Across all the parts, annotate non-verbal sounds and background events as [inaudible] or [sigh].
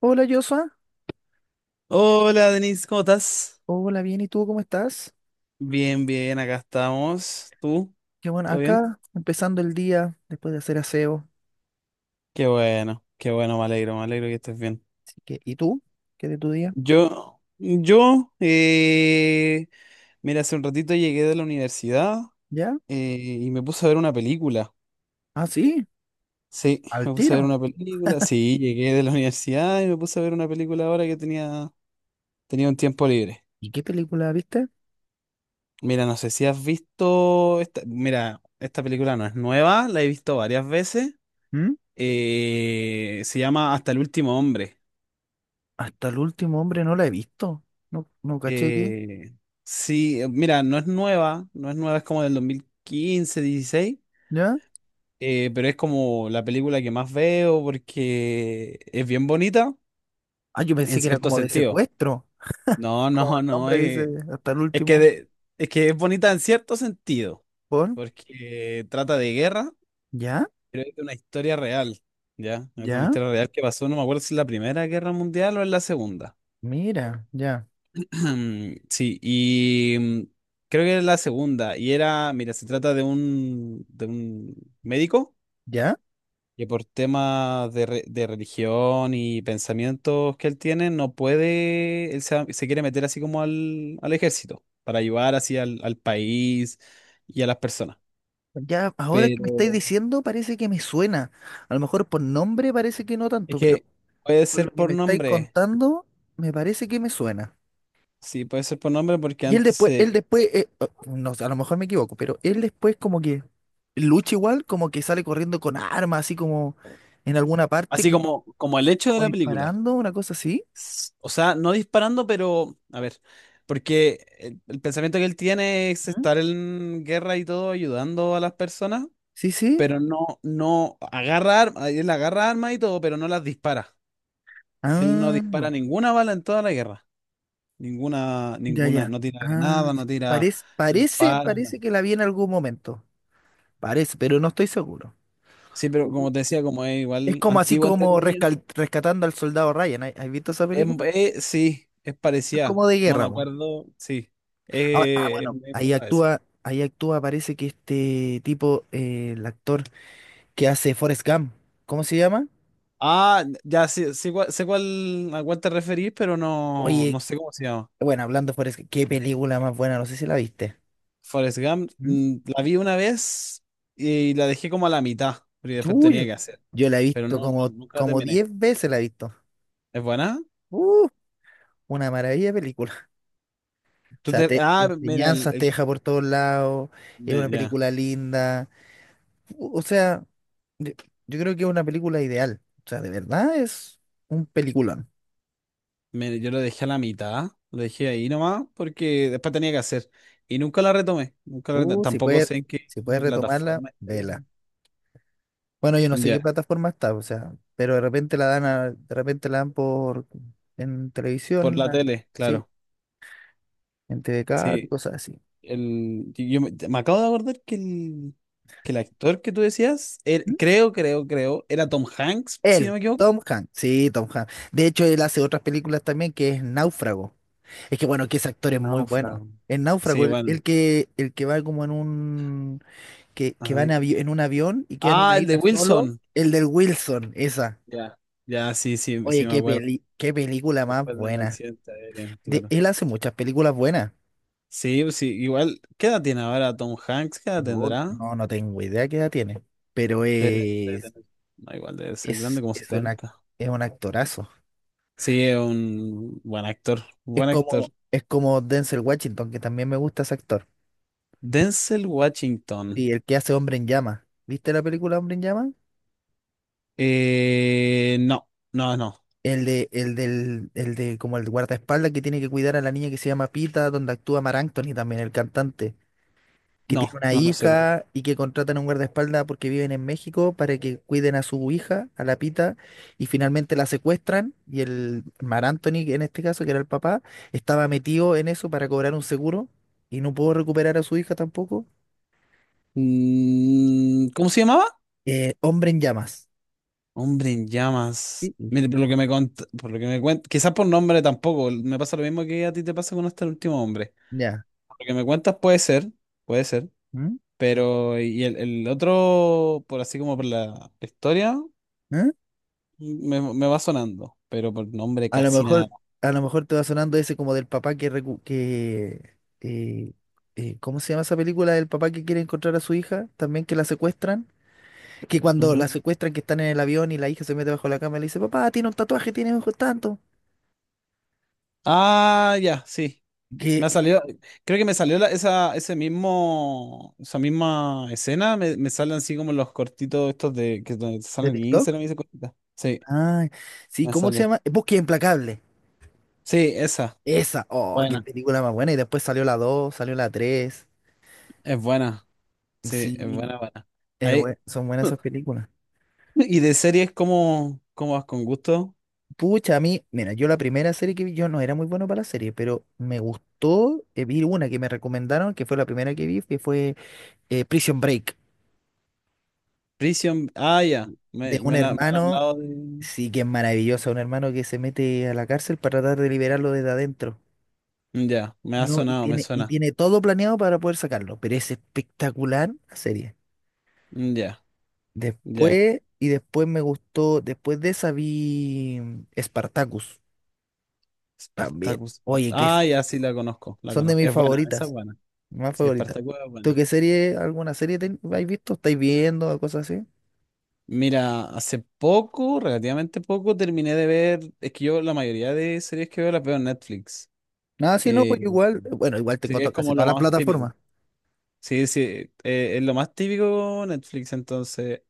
Hola Joshua, Hola Denise, ¿cómo estás? hola bien, ¿y tú cómo estás? Bien, bien, acá estamos. ¿Tú? Qué bueno, ¿Todo bien? acá empezando el día después de hacer aseo. Qué bueno, me alegro que estés bien. Así que, ¿y tú? ¿Qué de tu día? Yo, yo, eh, mira, hace un ratito llegué de la universidad ¿Ya? Y me puse a ver una película. Ah, sí, Sí, al me puse a ver tiro. una película. Sí, llegué de la [laughs] universidad y me puse a ver una película ahora que tenía un tiempo libre. ¿Y qué película viste? Mira, no sé si has visto esta, mira, esta película no es nueva, la he visto varias veces. ¿Mm? Se llama Hasta el último hombre. Hasta el último hombre no la he visto. No, no caché qué. Eh, sí, mira, no es nueva, no es nueva, es como del 2015, 16, ¿Ya? Pero es como la película que más veo porque es bien bonita Ah, yo pensé en que era cierto como de sentido. secuestro. No, Como no, el no, nombre dice, hasta el es que, último. de- es que es bonita en cierto sentido, ¿Por? porque trata de guerra, ¿Ya? pero es de una historia real, ¿ya? Es de una ¿Ya? historia real que pasó, no me acuerdo si es la Primera Guerra Mundial o es la Segunda. Mira, ya, [clears throat] Sí, y creo que es la segunda. Y era, mira, se trata de de un médico ya. que por temas de religión y pensamientos que él tiene, no puede, se quiere meter así como al ejército para ayudar así al país y a las personas. Ya, ahora que me estáis Pero diciendo, parece que me suena. A lo mejor por nombre parece que no es tanto, pero que puede por lo ser que por me estáis nombre, contando, me parece que me suena. sí, puede ser por nombre porque Y él antes después, él se... después, eh, oh, no sé, a lo mejor me equivoco, pero él después como que lucha igual, como que sale corriendo con armas, así como en alguna parte, Así como, como, como el hecho de como la película. disparando, una cosa así. O sea, no disparando, pero a ver, porque el pensamiento que él tiene es ¿Mm? estar en guerra y todo ayudando a las personas, Sí, sí. pero no, no agarra armas, él agarra armas y todo, pero no las dispara. Él no Ah, dispara no. ninguna bala en toda la guerra. Ninguna, Ya, ninguna, ya. no tira Ah, granada, no sí. tira, Parece, no parece, dispara, parece no. que la vi en algún momento. Parece, pero no estoy seguro. Sí, pero Ujú. como te decía, como es Es igual como así antigua, entre como comillas, rescatando al soldado Ryan. ¿Has visto esa es, película? Sí, es Es parecida. como de No me guerra, po. acuerdo, sí, Ah, ah, bueno, me enfoca a eso. Ahí actúa, parece que este tipo, el actor que hace Forrest Gump, ¿cómo se llama? Ah, ya sé, sé cuál, a cuál te referís, pero no, Oye, no sé cómo se llama. bueno, hablando de Forrest Gump, qué película más buena, no sé si la viste. Forrest Gump, ¿Mm? La vi una vez y la dejé como a la mitad, porque después Uy, yo tenía que hacer, yo la he pero visto no, como, nunca la como terminé. 10 veces la he visto. ¿Es buena? Uh, una maravilla de película. [laughs] O Tú sea, te- te ah, mira, enseñanzas te deja por todos lados, es una ya, película linda. O sea, yo yo creo que es una película ideal. O sea, de verdad es un peliculón. Yo lo dejé a la mitad, lo dejé ahí nomás, porque después tenía que hacer y nunca la retomé, nunca la retomé. Si Tampoco puedes, sé en qué si puedes retomarla, plataforma esté. vela. Bueno, yo no sé qué Ya, plataforma está, o sea, pero de repente de repente la dan por en por televisión, la ah, tele, sí, claro. en TVK y Sí. cosas así. Yo me acabo de acordar que que el actor que tú decías, ¿Mm? creo, creo, creo, era Tom Hanks, si no Él, me equivoco. Tom Hanks, sí, Tom Hanks. De hecho, él hace otras películas también que es Náufrago. Es que bueno, que ese actor es muy bueno. Náufrago. En Náufrago, Sí, el, bueno. el que el que va como en un A que va en, ver. En un avión y queda en Ah, una el de isla solo, Wilson. el del Wilson, esa. Ya, ya, sí, sí, sí Oye, me qué acuerdo. peli, qué película más Después del buena. accidente aéreo, De, claro. él hace muchas películas buenas. Sí, pues sí, igual, ¿qué edad tiene ahora Tom Hanks? ¿Qué edad No, tendrá? No, no tengo idea qué edad tiene, pero Debe- debe es, tener- no, igual debe ser grande, es, como es, una, setenta. es un actorazo. Sí, es un buen actor, buen actor. Es como Denzel Washington, que también me gusta ese actor. Denzel Washington. Y el que hace Hombre en Llama. ¿Viste la película Hombre en Llama? No, no, no, El de como el guardaespaldas que tiene que cuidar a la niña que se llama Pita, donde actúa Marc Anthony también, el cantante, que tiene no, una no, no sé cuál. hija y que contratan a un guardaespaldas porque viven en México para que cuiden a su hija, a la Pita, y finalmente la secuestran y el Mar Anthony, en este caso, que era el papá, estaba metido en eso para cobrar un seguro y no pudo recuperar a su hija tampoco. ¿Cómo se llamaba? Hombre en llamas. Hombre en llamas. Sí, Mire, por lo que me cuentas, quizás por nombre tampoco, me pasa lo mismo que a ti te pasa con hasta el último hombre. ya. Por lo que me cuentas puede ser, ¿Mm? pero y el otro, por así como por la historia, ¿Mm? Me va sonando, pero por nombre A lo casi nada. mejor, a lo mejor te va sonando ese como del papá que, ¿cómo se llama esa película? Del papá que quiere encontrar a su hija, también que la secuestran. Que cuando la Ujú. secuestran, que están en el avión y la hija se mete bajo la cama y le dice, papá, tiene un tatuaje, tiene ojos tanto. Ah, ya, sí. ¿Qué? Me ha salido, creo que esa, ese mismo, esa misma escena, me salen así como los cortitos estos de que donde te ¿De salen en TikTok? Instagram y esas cositas. Sí, Ah, sí, me ¿cómo se sale. llama? Búsqueda Implacable. Sí, esa. Esa, oh, qué Buena. película más buena. Y después salió la 2 salió la tres. Es buena. Sí, es Sí, buena, buena. es Ahí. Son buenas esas [laughs] películas. Y de series cómo ¿cómo vas con gusto? Pucha, a mí, mira, yo la primera serie que vi, yo no era muy bueno para la serie, pero me gustó, vi una que me recomendaron, que fue la primera que vi, que fue Prison Break. Prison. Ah, ya. De un Me han hermano, hablado de. sí que es maravilloso, un hermano que se mete a la cárcel para tratar de liberarlo desde adentro. Ya, me ha No, sonado, me y suena. tiene todo planeado para poder sacarlo, pero es espectacular la serie. Ya, ya. Después, y después me gustó, después de esa vi Spartacus también. Spartacus. Oye, Ah, ya, sí la conozco, la son de conozco. mis Es buena, esa es favoritas, buena. más Sí, favoritas. Spartacus es ¿Tú qué buena. serie, habéis visto? ¿Estáis viendo o cosas así? Mira, hace poco, relativamente poco, terminé de ver, es que yo la mayoría de series que veo las veo en Netflix. Nada, si no, pues Eh, igual, bueno, igual tengo Series casi como todas lo las más típico. plataformas. Sí, sí, es lo más típico Netflix, entonces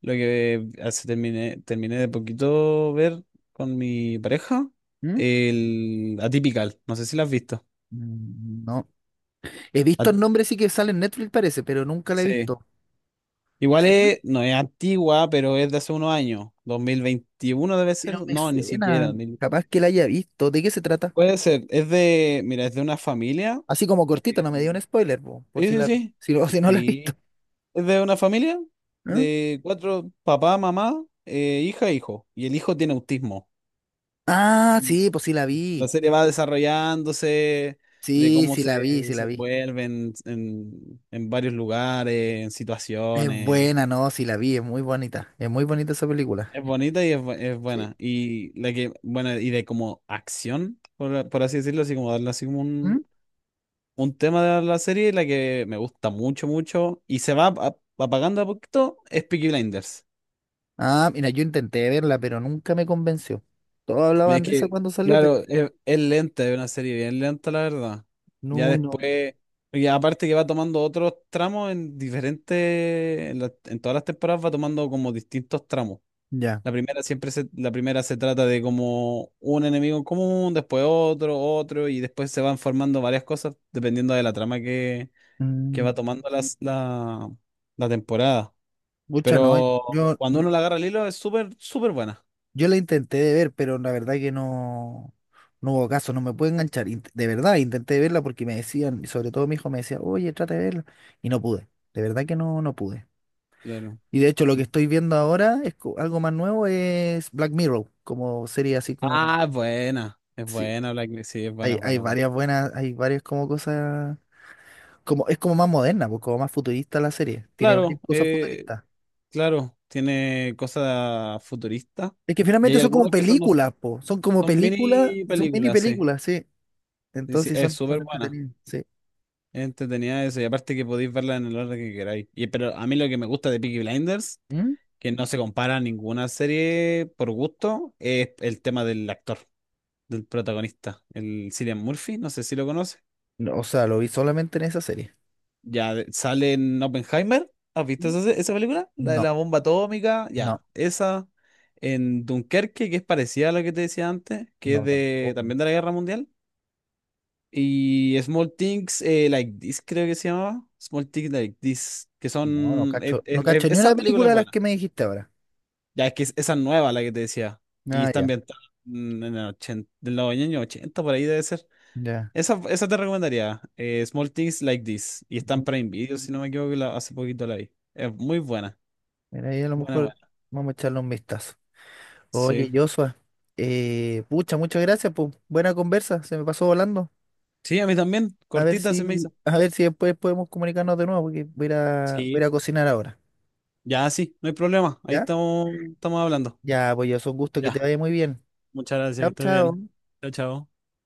lo que hace, terminé, terminé de poquito ver con mi pareja, ¿Mm? el Atypical, no sé si la has visto. Mm, no. He visto At- el nombre sí que sale en Netflix parece, pero nunca la he sí, visto. igual Bueno, es, no es antigua, pero es de hace unos años, 2021 debe ser, pero me no, ni suena. siquiera. Capaz que la haya visto. ¿De qué se trata? Puede ser, es de, mira, es de una familia Así como cortito, que... no me dio un spoiler, po, por Sí, si sí, la, sí. si, [laughs] si no la he visto. Sí. Es de una familia ¿Eh? de cuatro, papá, mamá, hija e hijo. Y el hijo tiene autismo. Ah, Y sí, pues sí la la vi. serie va desarrollándose de Sí, cómo sí se la vi, sí la vi. desenvuelven en varios lugares, en Es situaciones. buena, no, sí la vi, es muy bonita. Es muy bonita esa película. Es bonita y es Sí. buena. Y la que, bueno, y de como acción, por así decirlo, así como darle así como ¿Mm? un tema de la serie, la que me gusta mucho, mucho, y se va apagando a poquito, es Peaky Blinders. Ah, mira, yo intenté verla, pero nunca me convenció. Todos Es hablaban de esa que, cuando salió, pero claro, es lenta, es una serie bien lenta, la verdad. Ya no, no. después, y aparte que va tomando otros tramos en diferentes, en todas las temporadas va tomando como distintos tramos. Ya. La primera siempre se, la primera se trata de como un enemigo en común, después otro, otro, y después se van formando varias cosas dependiendo de la trama que va Mm, tomando la temporada. pucha, no. Pero Yo cuando uno la agarra al hilo es súper, súper buena. Yo la intenté de ver, pero la verdad que no, no hubo caso, no me pude enganchar. De verdad, intenté verla porque me decían, y sobre todo mi hijo me decía, oye, trata de verla. Y no pude. De verdad que no, no pude. Claro. Y de hecho, lo que estoy viendo ahora es algo más nuevo, es Black Mirror, como serie así como. Ah, es buena. Es Sí. buena, Black Mirror. Sí, es buena, Hay, es hay buena, es buena. varias buenas, hay varias como cosas. Como, es como más moderna, pues, como más futurista la serie. Tiene Claro, varias cosas eh, futuristas. claro, tiene cosas futuristas. Es que Y finalmente hay son como algunos que son, películas, po. Son como son películas, mini son mini películas, sí. películas, sí. Sí, sí, Entonces es son, súper son buena. entretenidas, sí. Es entretenida eso. Y aparte que podéis verla en el orden que queráis. Y, pero a mí lo que me gusta de Peaky Blinders, ¿Mm? que no se compara a ninguna serie por gusto, es el tema del actor. Del protagonista, el Cillian Murphy, no sé si lo conoce. No, o sea, lo vi solamente en esa serie. Sale en Oppenheimer. ¿Has visto ¿Mm? esa, esa película? La de No, la bomba atómica, no, ya. Esa en Dunkerque, que es parecida a lo que te decía antes, que es no, de tampoco. también de la Guerra Mundial. Y Small Things Like This, creo que se llamaba. Small Things Like This, que No, no son... e- cacho, no e- e- cacho ni una esa película película es de las buena. que me dijiste ahora. Ya es que esa es nueva, la que te decía. Y Ah, está ya, ambientada en en el 80, del año ochenta por ahí debe ser. ya. Esa te recomendaría. Small Things Like This. Y está en Ujú. Prime Video, si no me equivoco, hace poquito la vi. Es muy buena. Mira, ahí a lo Buena, mejor buena. vamos a echarle un vistazo. Oye, Sí. Joshua, pucha, muchas gracias, pues. Buena conversa, se me pasó volando. Sí, a mí también. Cortita se me hizo. A ver si después podemos comunicarnos de nuevo, porque voy a ir Sí. a cocinar ahora. Ya, sí, no hay problema. Ahí ¿Ya? estamos, estamos hablando. Ya, pues yo, es un gusto que te Ya. vaya muy bien. Muchas gracias, que Chao, estés chao. bien. Chao, chao.